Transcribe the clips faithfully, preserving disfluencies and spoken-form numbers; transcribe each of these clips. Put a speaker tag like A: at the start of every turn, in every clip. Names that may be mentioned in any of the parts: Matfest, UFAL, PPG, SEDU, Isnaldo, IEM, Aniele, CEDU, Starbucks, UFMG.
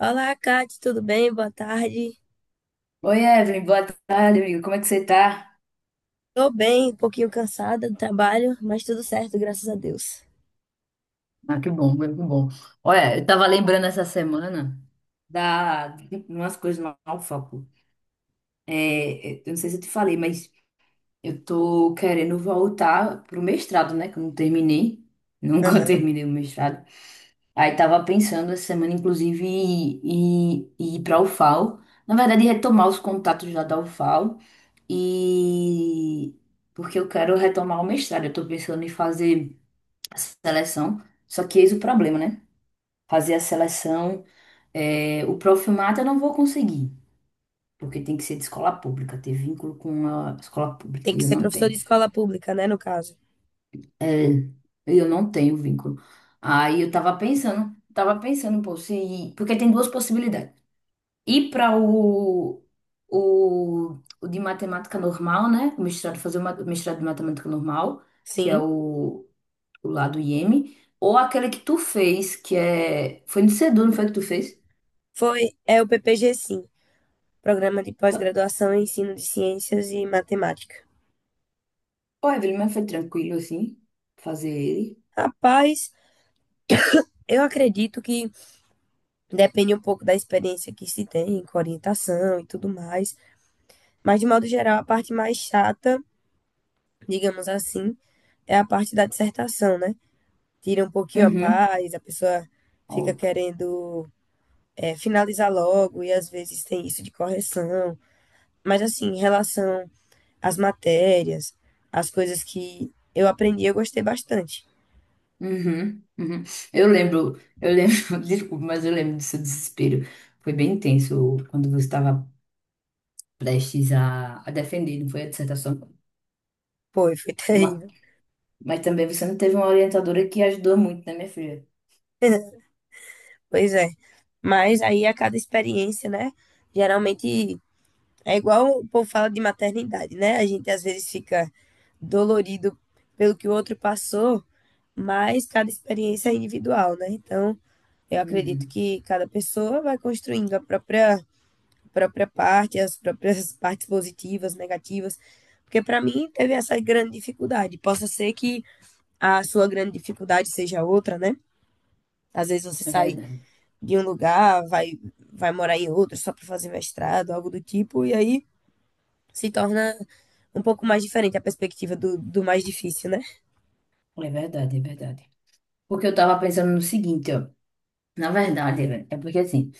A: Olá, Kate, tudo bem? Boa tarde.
B: Oi, Evelyn, boa tarde, amigo. Como é que você tá?
A: Tô bem, um pouquinho cansada do trabalho, mas tudo certo, graças a Deus.
B: Ah, que bom, que bom. Olha, eu tava lembrando essa semana. Da de umas coisas lá no foco. É, eu não sei se eu te falei, mas eu tô querendo voltar pro mestrado, né? Que eu não terminei. Nunca
A: Aham.
B: terminei o mestrado. Aí tava pensando essa semana, inclusive, em em em ir pra ufau. Na verdade, retomar os contatos lá da ufau. E porque eu quero retomar o mestrado. Eu tô pensando em fazer a seleção. Só que eis o problema, né? Fazer a seleção, é, o profilmato eu não vou conseguir, porque tem que ser de escola pública, ter vínculo com a escola
A: Tem
B: pública, e
A: que
B: eu
A: ser
B: não
A: professor de
B: tenho.
A: escola pública, né, no caso?
B: É, eu não tenho vínculo. Aí eu tava pensando, tava pensando, pô, se, porque tem duas possibilidades. Ir para o, o, o de matemática normal, né? O mestrado, fazer o ma- o mestrado de matemática normal, que é
A: Sim.
B: o o lá do Iêmen, ou aquele que tu fez, que é. Foi no Sedu, não foi que tu fez?
A: Foi, é o P P G, sim. Programa de Pós-Graduação em Ensino de Ciências e Matemática.
B: Foi, Evelyn, mas foi tranquilo assim, fazer ele.
A: Rapaz, eu acredito que depende um pouco da experiência que se tem com orientação e tudo mais, mas de modo geral, a parte mais chata, digamos assim, é a parte da dissertação, né? Tira um pouquinho a
B: Uhum.
A: paz, a pessoa fica
B: Ó,
A: querendo é, finalizar logo e às vezes tem isso de correção. Mas assim, em relação às matérias, as coisas que eu aprendi, eu gostei bastante.
B: uhum. Uhum. Eu lembro, eu lembro, desculpa, mas eu lembro do seu desespero. Foi bem intenso quando você estava prestes a, a defender, não foi a dissertação.
A: Foi, foi
B: Ma-
A: terrível.
B: Mas, também você não teve uma orientadora que ajudou muito, né, minha filha?
A: Pois é. Mas aí a cada experiência, né? Geralmente é igual o povo fala de maternidade, né? A gente às vezes fica dolorido pelo que o outro passou, mas cada experiência é individual, né? Então, eu acredito
B: Uhum.
A: que cada pessoa vai construindo a própria, a própria parte, as próprias partes positivas, negativas. Porque para mim teve essa grande dificuldade. Possa ser que a sua grande dificuldade seja outra, né? Às vezes você
B: É
A: sai
B: verdade.
A: de um lugar, vai, vai morar em outro só para fazer mestrado, algo do tipo, e aí se torna um pouco mais diferente a perspectiva do, do mais difícil, né?
B: É verdade, é verdade. Porque eu tava pensando no seguinte, ó. Na verdade, Evelyn, é porque assim.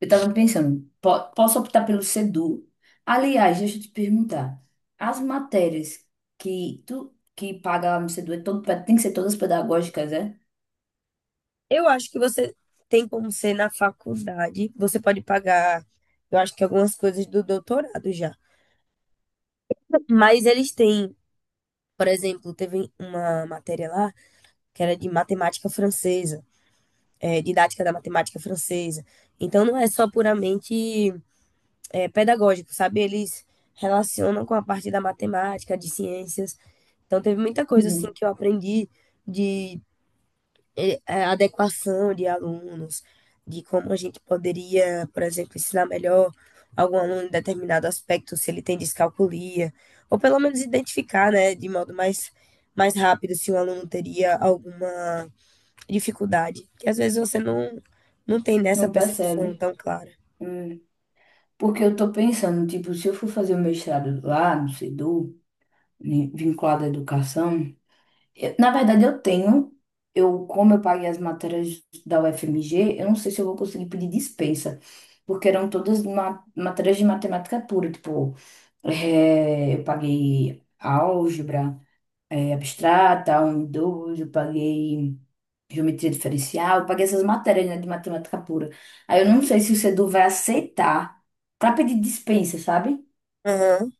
B: Eu tava pensando, po- posso optar pelo SEDU. Aliás, deixa eu te perguntar, as matérias que tu que paga lá no SEDU é todo, tem que ser todas pedagógicas, é?
A: Eu acho que você tem como ser na faculdade, você pode pagar, eu acho que algumas coisas do doutorado já, mas eles têm, por exemplo, teve uma matéria lá que era de matemática francesa. É, didática da matemática francesa. Então, não é só puramente é, pedagógico, sabe? Eles relacionam com a parte da matemática, de ciências. Então, teve muita coisa assim
B: Uhum.
A: que eu aprendi de eh, eh, adequação de alunos, de como a gente poderia, por exemplo, ensinar melhor algum aluno em determinado aspecto, se ele tem descalculia, ou pelo menos identificar, né, de modo mais, mais rápido se o aluno teria alguma dificuldade, que às vezes você não, não tem nessa
B: Não
A: percepção
B: percebe?
A: tão clara.
B: Hum. Porque eu tô pensando, tipo, se eu for fazer o mestrado lá no SEDU, né, vinculado à educação, eu- na verdade eu tenho, eu como eu paguei as matérias da U F M G, eu não sei se eu vou conseguir pedir dispensa, porque eram todas ma- matérias de matemática pura, tipo. É, eu paguei álgebra, é, abstrata, um dois eu paguei geometria diferencial, eu paguei essas matérias, né, de matemática pura. Aí eu não sei se o sedu vai aceitar para pedir dispensa, sabe?
A: Aham.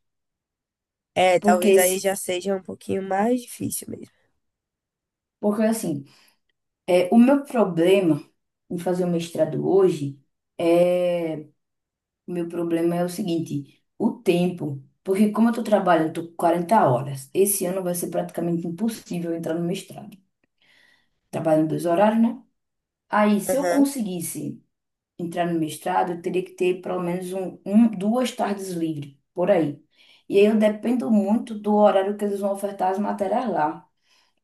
A: É,
B: Porque,
A: talvez aí
B: esse-
A: já seja um pouquinho mais difícil mesmo.
B: porque assim, é, o meu problema em fazer o mestrado hoje é. O meu problema é o seguinte: o tempo. Porque como eu tô trabalhando, tô com quarenta horas. Esse ano vai ser praticamente impossível eu entrar no mestrado. Trabalho em dois horários, né? Aí, se eu
A: Aham.
B: conseguisse entrar no mestrado, eu teria que ter pelo menos um, um- duas tardes livres, por aí. E aí eu dependo muito do horário que eles vão ofertar as matérias lá.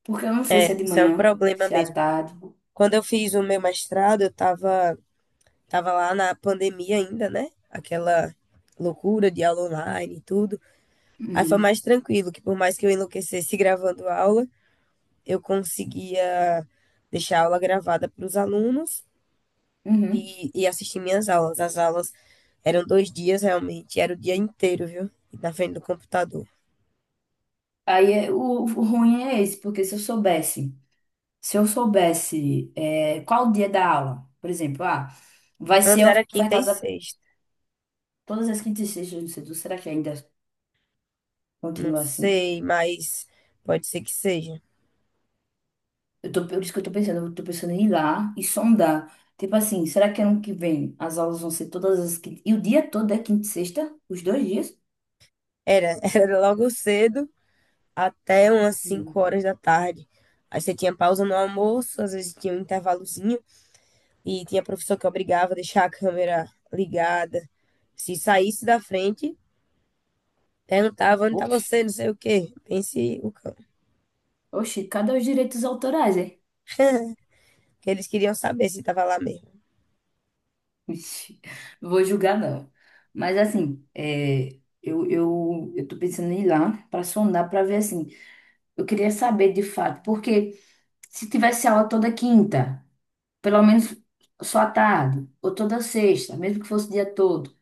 B: Porque eu não sei se é de
A: Isso é um
B: manhã,
A: problema
B: se é à
A: mesmo.
B: tarde.
A: Quando eu fiz o meu mestrado, eu tava, tava lá na pandemia ainda, né? Aquela loucura de aula online e tudo. Aí foi
B: Uhum,
A: mais tranquilo, que por mais que eu enlouquecesse gravando aula, eu conseguia deixar a aula gravada para os alunos
B: uhum.
A: e, e assistir minhas aulas. As aulas eram dois dias realmente, era o dia inteiro, viu? Na frente do computador.
B: Aí é- o, o ruim é esse, porque se eu soubesse, se eu soubesse é, qual o dia da aula, por exemplo, ah, vai
A: Antes
B: ser
A: era quinta e
B: ofertada
A: sexta.
B: todas as quintas e sextas, não sei, será que ainda
A: Não
B: continua assim?
A: sei, mas pode ser que seja.
B: Eu tô, por isso que eu tô pensando, eu tô pensando em ir lá e sondar. Tipo assim, será que ano que vem as aulas vão ser todas as quinta... E o dia todo é quinta e sexta? Os dois dias?
A: Era, era logo cedo até umas cinco
B: Hum.
A: horas da tarde. Aí você tinha pausa no almoço, às vezes tinha um intervalozinho e tinha professor que obrigava a deixar a câmera ligada. Se saísse da frente, perguntava onde tá
B: Oxe.
A: você, não sei o quê. Pense o cão.
B: Oxi, cadê os direitos autorais, hein?
A: Que eles queriam saber se tava lá mesmo.
B: Ixi, não vou julgar, não. Mas assim, é, eu, eu, eu tô pensando em ir lá pra sondar, pra ver assim. Eu queria saber de fato, porque se tivesse aula toda quinta, pelo menos só à tarde, ou toda sexta, mesmo que fosse o dia todo.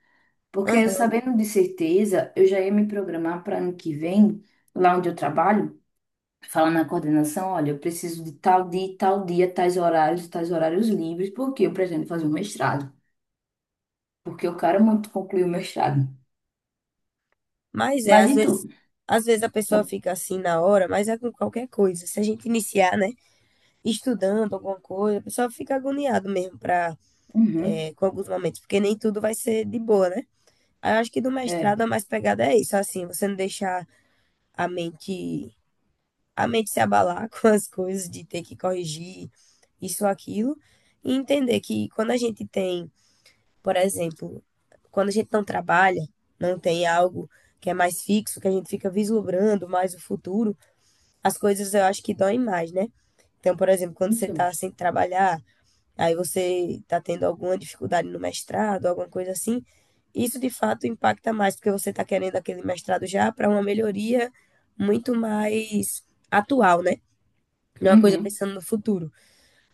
B: Porque
A: Aham.
B: sabendo de certeza, eu já ia me programar para ano que vem, lá onde eu trabalho, falar na coordenação, olha, eu preciso de tal dia, tal dia, tais horários, tais horários livres, porque eu pretendo fazer um mestrado. Porque eu quero muito concluir o mestrado.
A: Mas é,
B: Mas
A: às
B: e tu?
A: vezes, às vezes a pessoa
B: Não,
A: fica assim na hora, mas é com qualquer coisa. Se a gente iniciar, né? Estudando alguma coisa, o pessoal fica agoniado mesmo pra,
B: uhum,
A: é, com alguns momentos, porque nem tudo vai ser de boa, né? Aí eu acho que do mestrado
B: é,
A: a mais pegada é isso, assim, você não deixar a mente, a mente se abalar com as coisas de ter que corrigir isso ou aquilo, e entender que quando a gente tem, por exemplo, quando a gente não trabalha, não tem algo que é mais fixo, que a gente fica vislumbrando mais o futuro, as coisas eu acho que doem mais, né? Então, por exemplo, quando você
B: então.
A: está sem trabalhar, aí você está tendo alguma dificuldade no mestrado, alguma coisa assim, isso de fato impacta mais, porque você está querendo aquele mestrado já para uma melhoria muito mais atual, né? Não é uma coisa
B: Uhum.
A: pensando no futuro.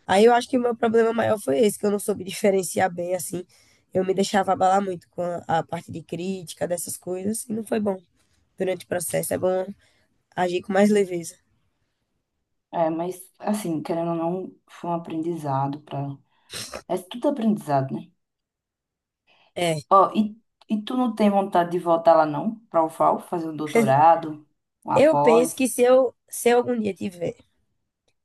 A: Aí eu acho que o meu problema maior foi esse, que eu não soube diferenciar bem, assim. Eu me deixava abalar muito com a, a parte de crítica, dessas coisas, e não foi bom durante o processo. É bom agir com mais leveza.
B: É, mas assim, querendo ou não, foi um aprendizado para. É tudo aprendizado, né?
A: É,
B: Ó, e, e tu não tem vontade de voltar lá não? Para o ufau, fazer um doutorado, um
A: eu penso
B: após?
A: que se eu, se eu algum dia tiver,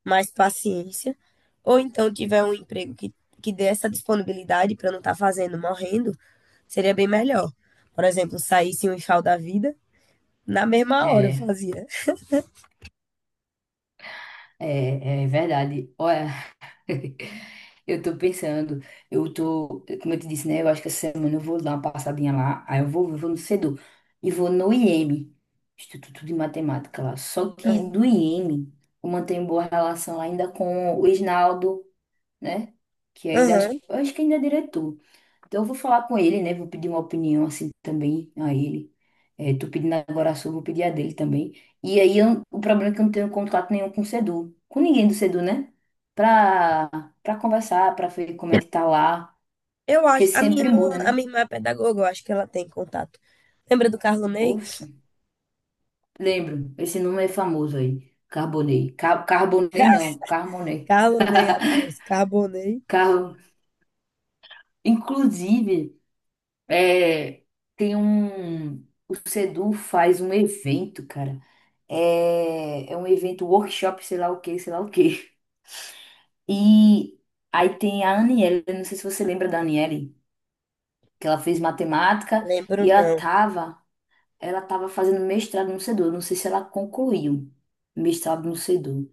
A: mais paciência, ou então tiver um emprego que, que dê essa disponibilidade para não estar fazendo, morrendo, seria bem melhor. Por exemplo, saísse um enxau da vida, na mesma hora eu fazia.
B: É, é verdade. Olha, eu tô pensando, eu tô, como eu te disse, né? Eu acho que essa semana eu vou dar uma passadinha lá, aí eu vou, eu vou no CEDU e vou no I E M, Instituto de Matemática lá. Só que
A: Aham.
B: do I E M eu mantenho boa relação ainda com o Isnaldo, né? Que ainda acho,
A: Aham.
B: que- eu acho que ainda é diretor. Então eu vou falar com ele, né? Vou pedir uma opinião assim também a ele. É, tô pedindo agora a sua, vou pedir a dele também. E aí eu- o problema é que eu não tenho contato nenhum com o Sedu, com ninguém do Sedu, né? Pra, pra conversar, pra ver como é que tá lá.
A: Eu
B: Porque
A: acho, a minha
B: sempre
A: irmã,
B: muda,
A: a
B: né?
A: minha irmã é pedagoga, eu acho que ela tem contato. Lembra do Carlonei?
B: Oxe, lembro, esse nome é famoso aí. Carbonei. Ca- Carbonei não, Carmonei.
A: Carlonei, rapaz, Carbonei.
B: Car... Inclusive. É, tem um. O Sedu faz um evento, cara. É, é um evento, workshop, sei lá o que, sei lá o que. E aí tem a Aniele, eu não sei se você lembra da Aniele, que ela fez matemática
A: Lembro
B: e ela
A: não.
B: tava, ela tava fazendo mestrado no Sedu. Eu não sei se ela concluiu mestrado no Sedu.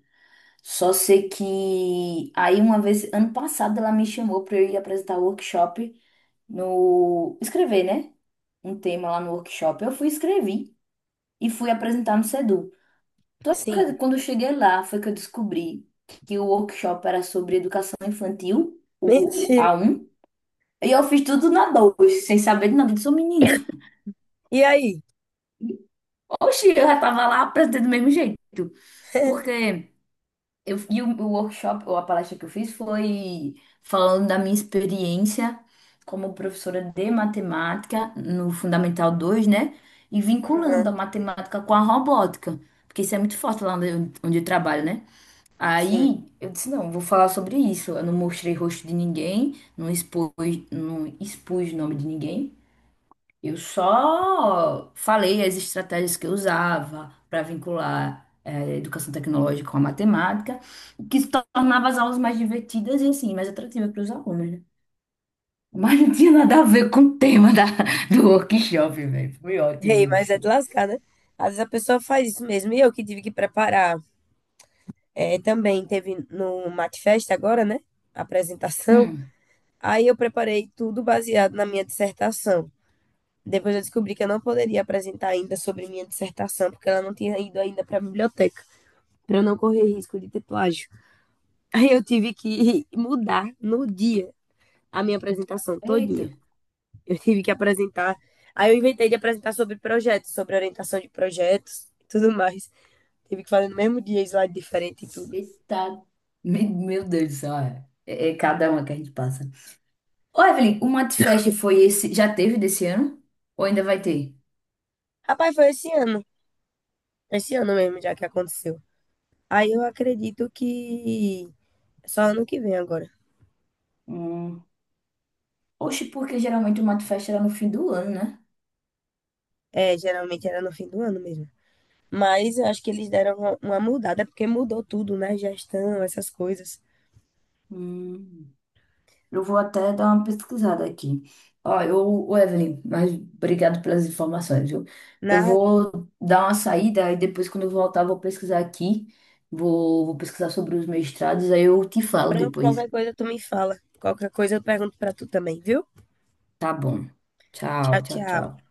B: Só sei que aí uma vez, ano passado, ela me chamou para eu ir apresentar o workshop no escrever, né? Um tema lá no workshop. Eu fui escrevi e fui apresentar no SEDU. Só
A: Sim,
B: que quando eu cheguei lá, foi que eu descobri que o workshop era sobre educação infantil, o o
A: mentira.
B: a um e eu fiz tudo na dois sem saber de nada, eu sou menina.
A: E aí?
B: Oxi, eu já tava lá apresentando do mesmo jeito, porque eu, e o, o workshop, ou a palestra que eu fiz, foi falando da minha experiência como professora de matemática no Fundamental dois, né? E vinculando
A: Aham,
B: a matemática com a robótica, porque isso é muito forte lá onde eu, onde eu trabalho, né?
A: sim.
B: Aí eu disse: não, vou falar sobre isso. Eu não mostrei rosto de ninguém, não expus, não expus o nome de ninguém. Eu só falei as estratégias que eu usava para vincular eh, educação tecnológica com a matemática, o que se tornava as aulas mais divertidas e assim, mais atrativas para os alunos, né? Mas não tinha nada a ver com o tema da, do workshop, velho. Foi ótimo
A: Rei, mas é
B: isso.
A: de lascar, né? Às vezes a pessoa faz isso mesmo. E eu que tive que preparar. É, também teve no Matfest agora, né? A apresentação.
B: Hum.
A: Aí eu preparei tudo baseado na minha dissertação. Depois eu descobri que eu não poderia apresentar ainda sobre minha dissertação, porque ela não tinha ido ainda para a biblioteca, para eu não correr risco de ter plágio. Aí eu tive que mudar no dia a minha apresentação
B: Eita,
A: todinha. Eu tive que apresentar. Aí eu inventei de apresentar sobre projetos, sobre orientação de projetos e tudo mais. Tive que fazer no mesmo dia, slide diferente e tudo.
B: eita. Me- Meu Deus do céu, é, é cada uma que a gente passa. Ô, Evelyn, o Matfest foi esse, já teve desse ano? Ou ainda vai ter?
A: Rapaz, foi esse ano. Esse ano mesmo, já que aconteceu. Aí eu acredito que só ano que vem agora.
B: Hum. Oxe, porque geralmente o Matfest era no fim do ano, né?
A: É, geralmente era no fim do ano mesmo. Mas eu acho que eles deram uma uma mudada, porque mudou tudo, né? Gestão, essas coisas.
B: Hum, eu vou até dar uma pesquisada aqui. Ó, eu, o Evelyn, mas obrigado pelas informações, viu? Eu
A: Nada.
B: vou dar uma saída e depois, quando eu voltar, eu vou pesquisar aqui. Vou, vou pesquisar sobre os mestrados, aí eu te falo
A: Pronto, qualquer
B: depois.
A: coisa tu me fala. Qualquer coisa eu pergunto pra tu também, viu?
B: Tá bom. Tchau,
A: Tchau,
B: tchau,
A: tchau.
B: tchau.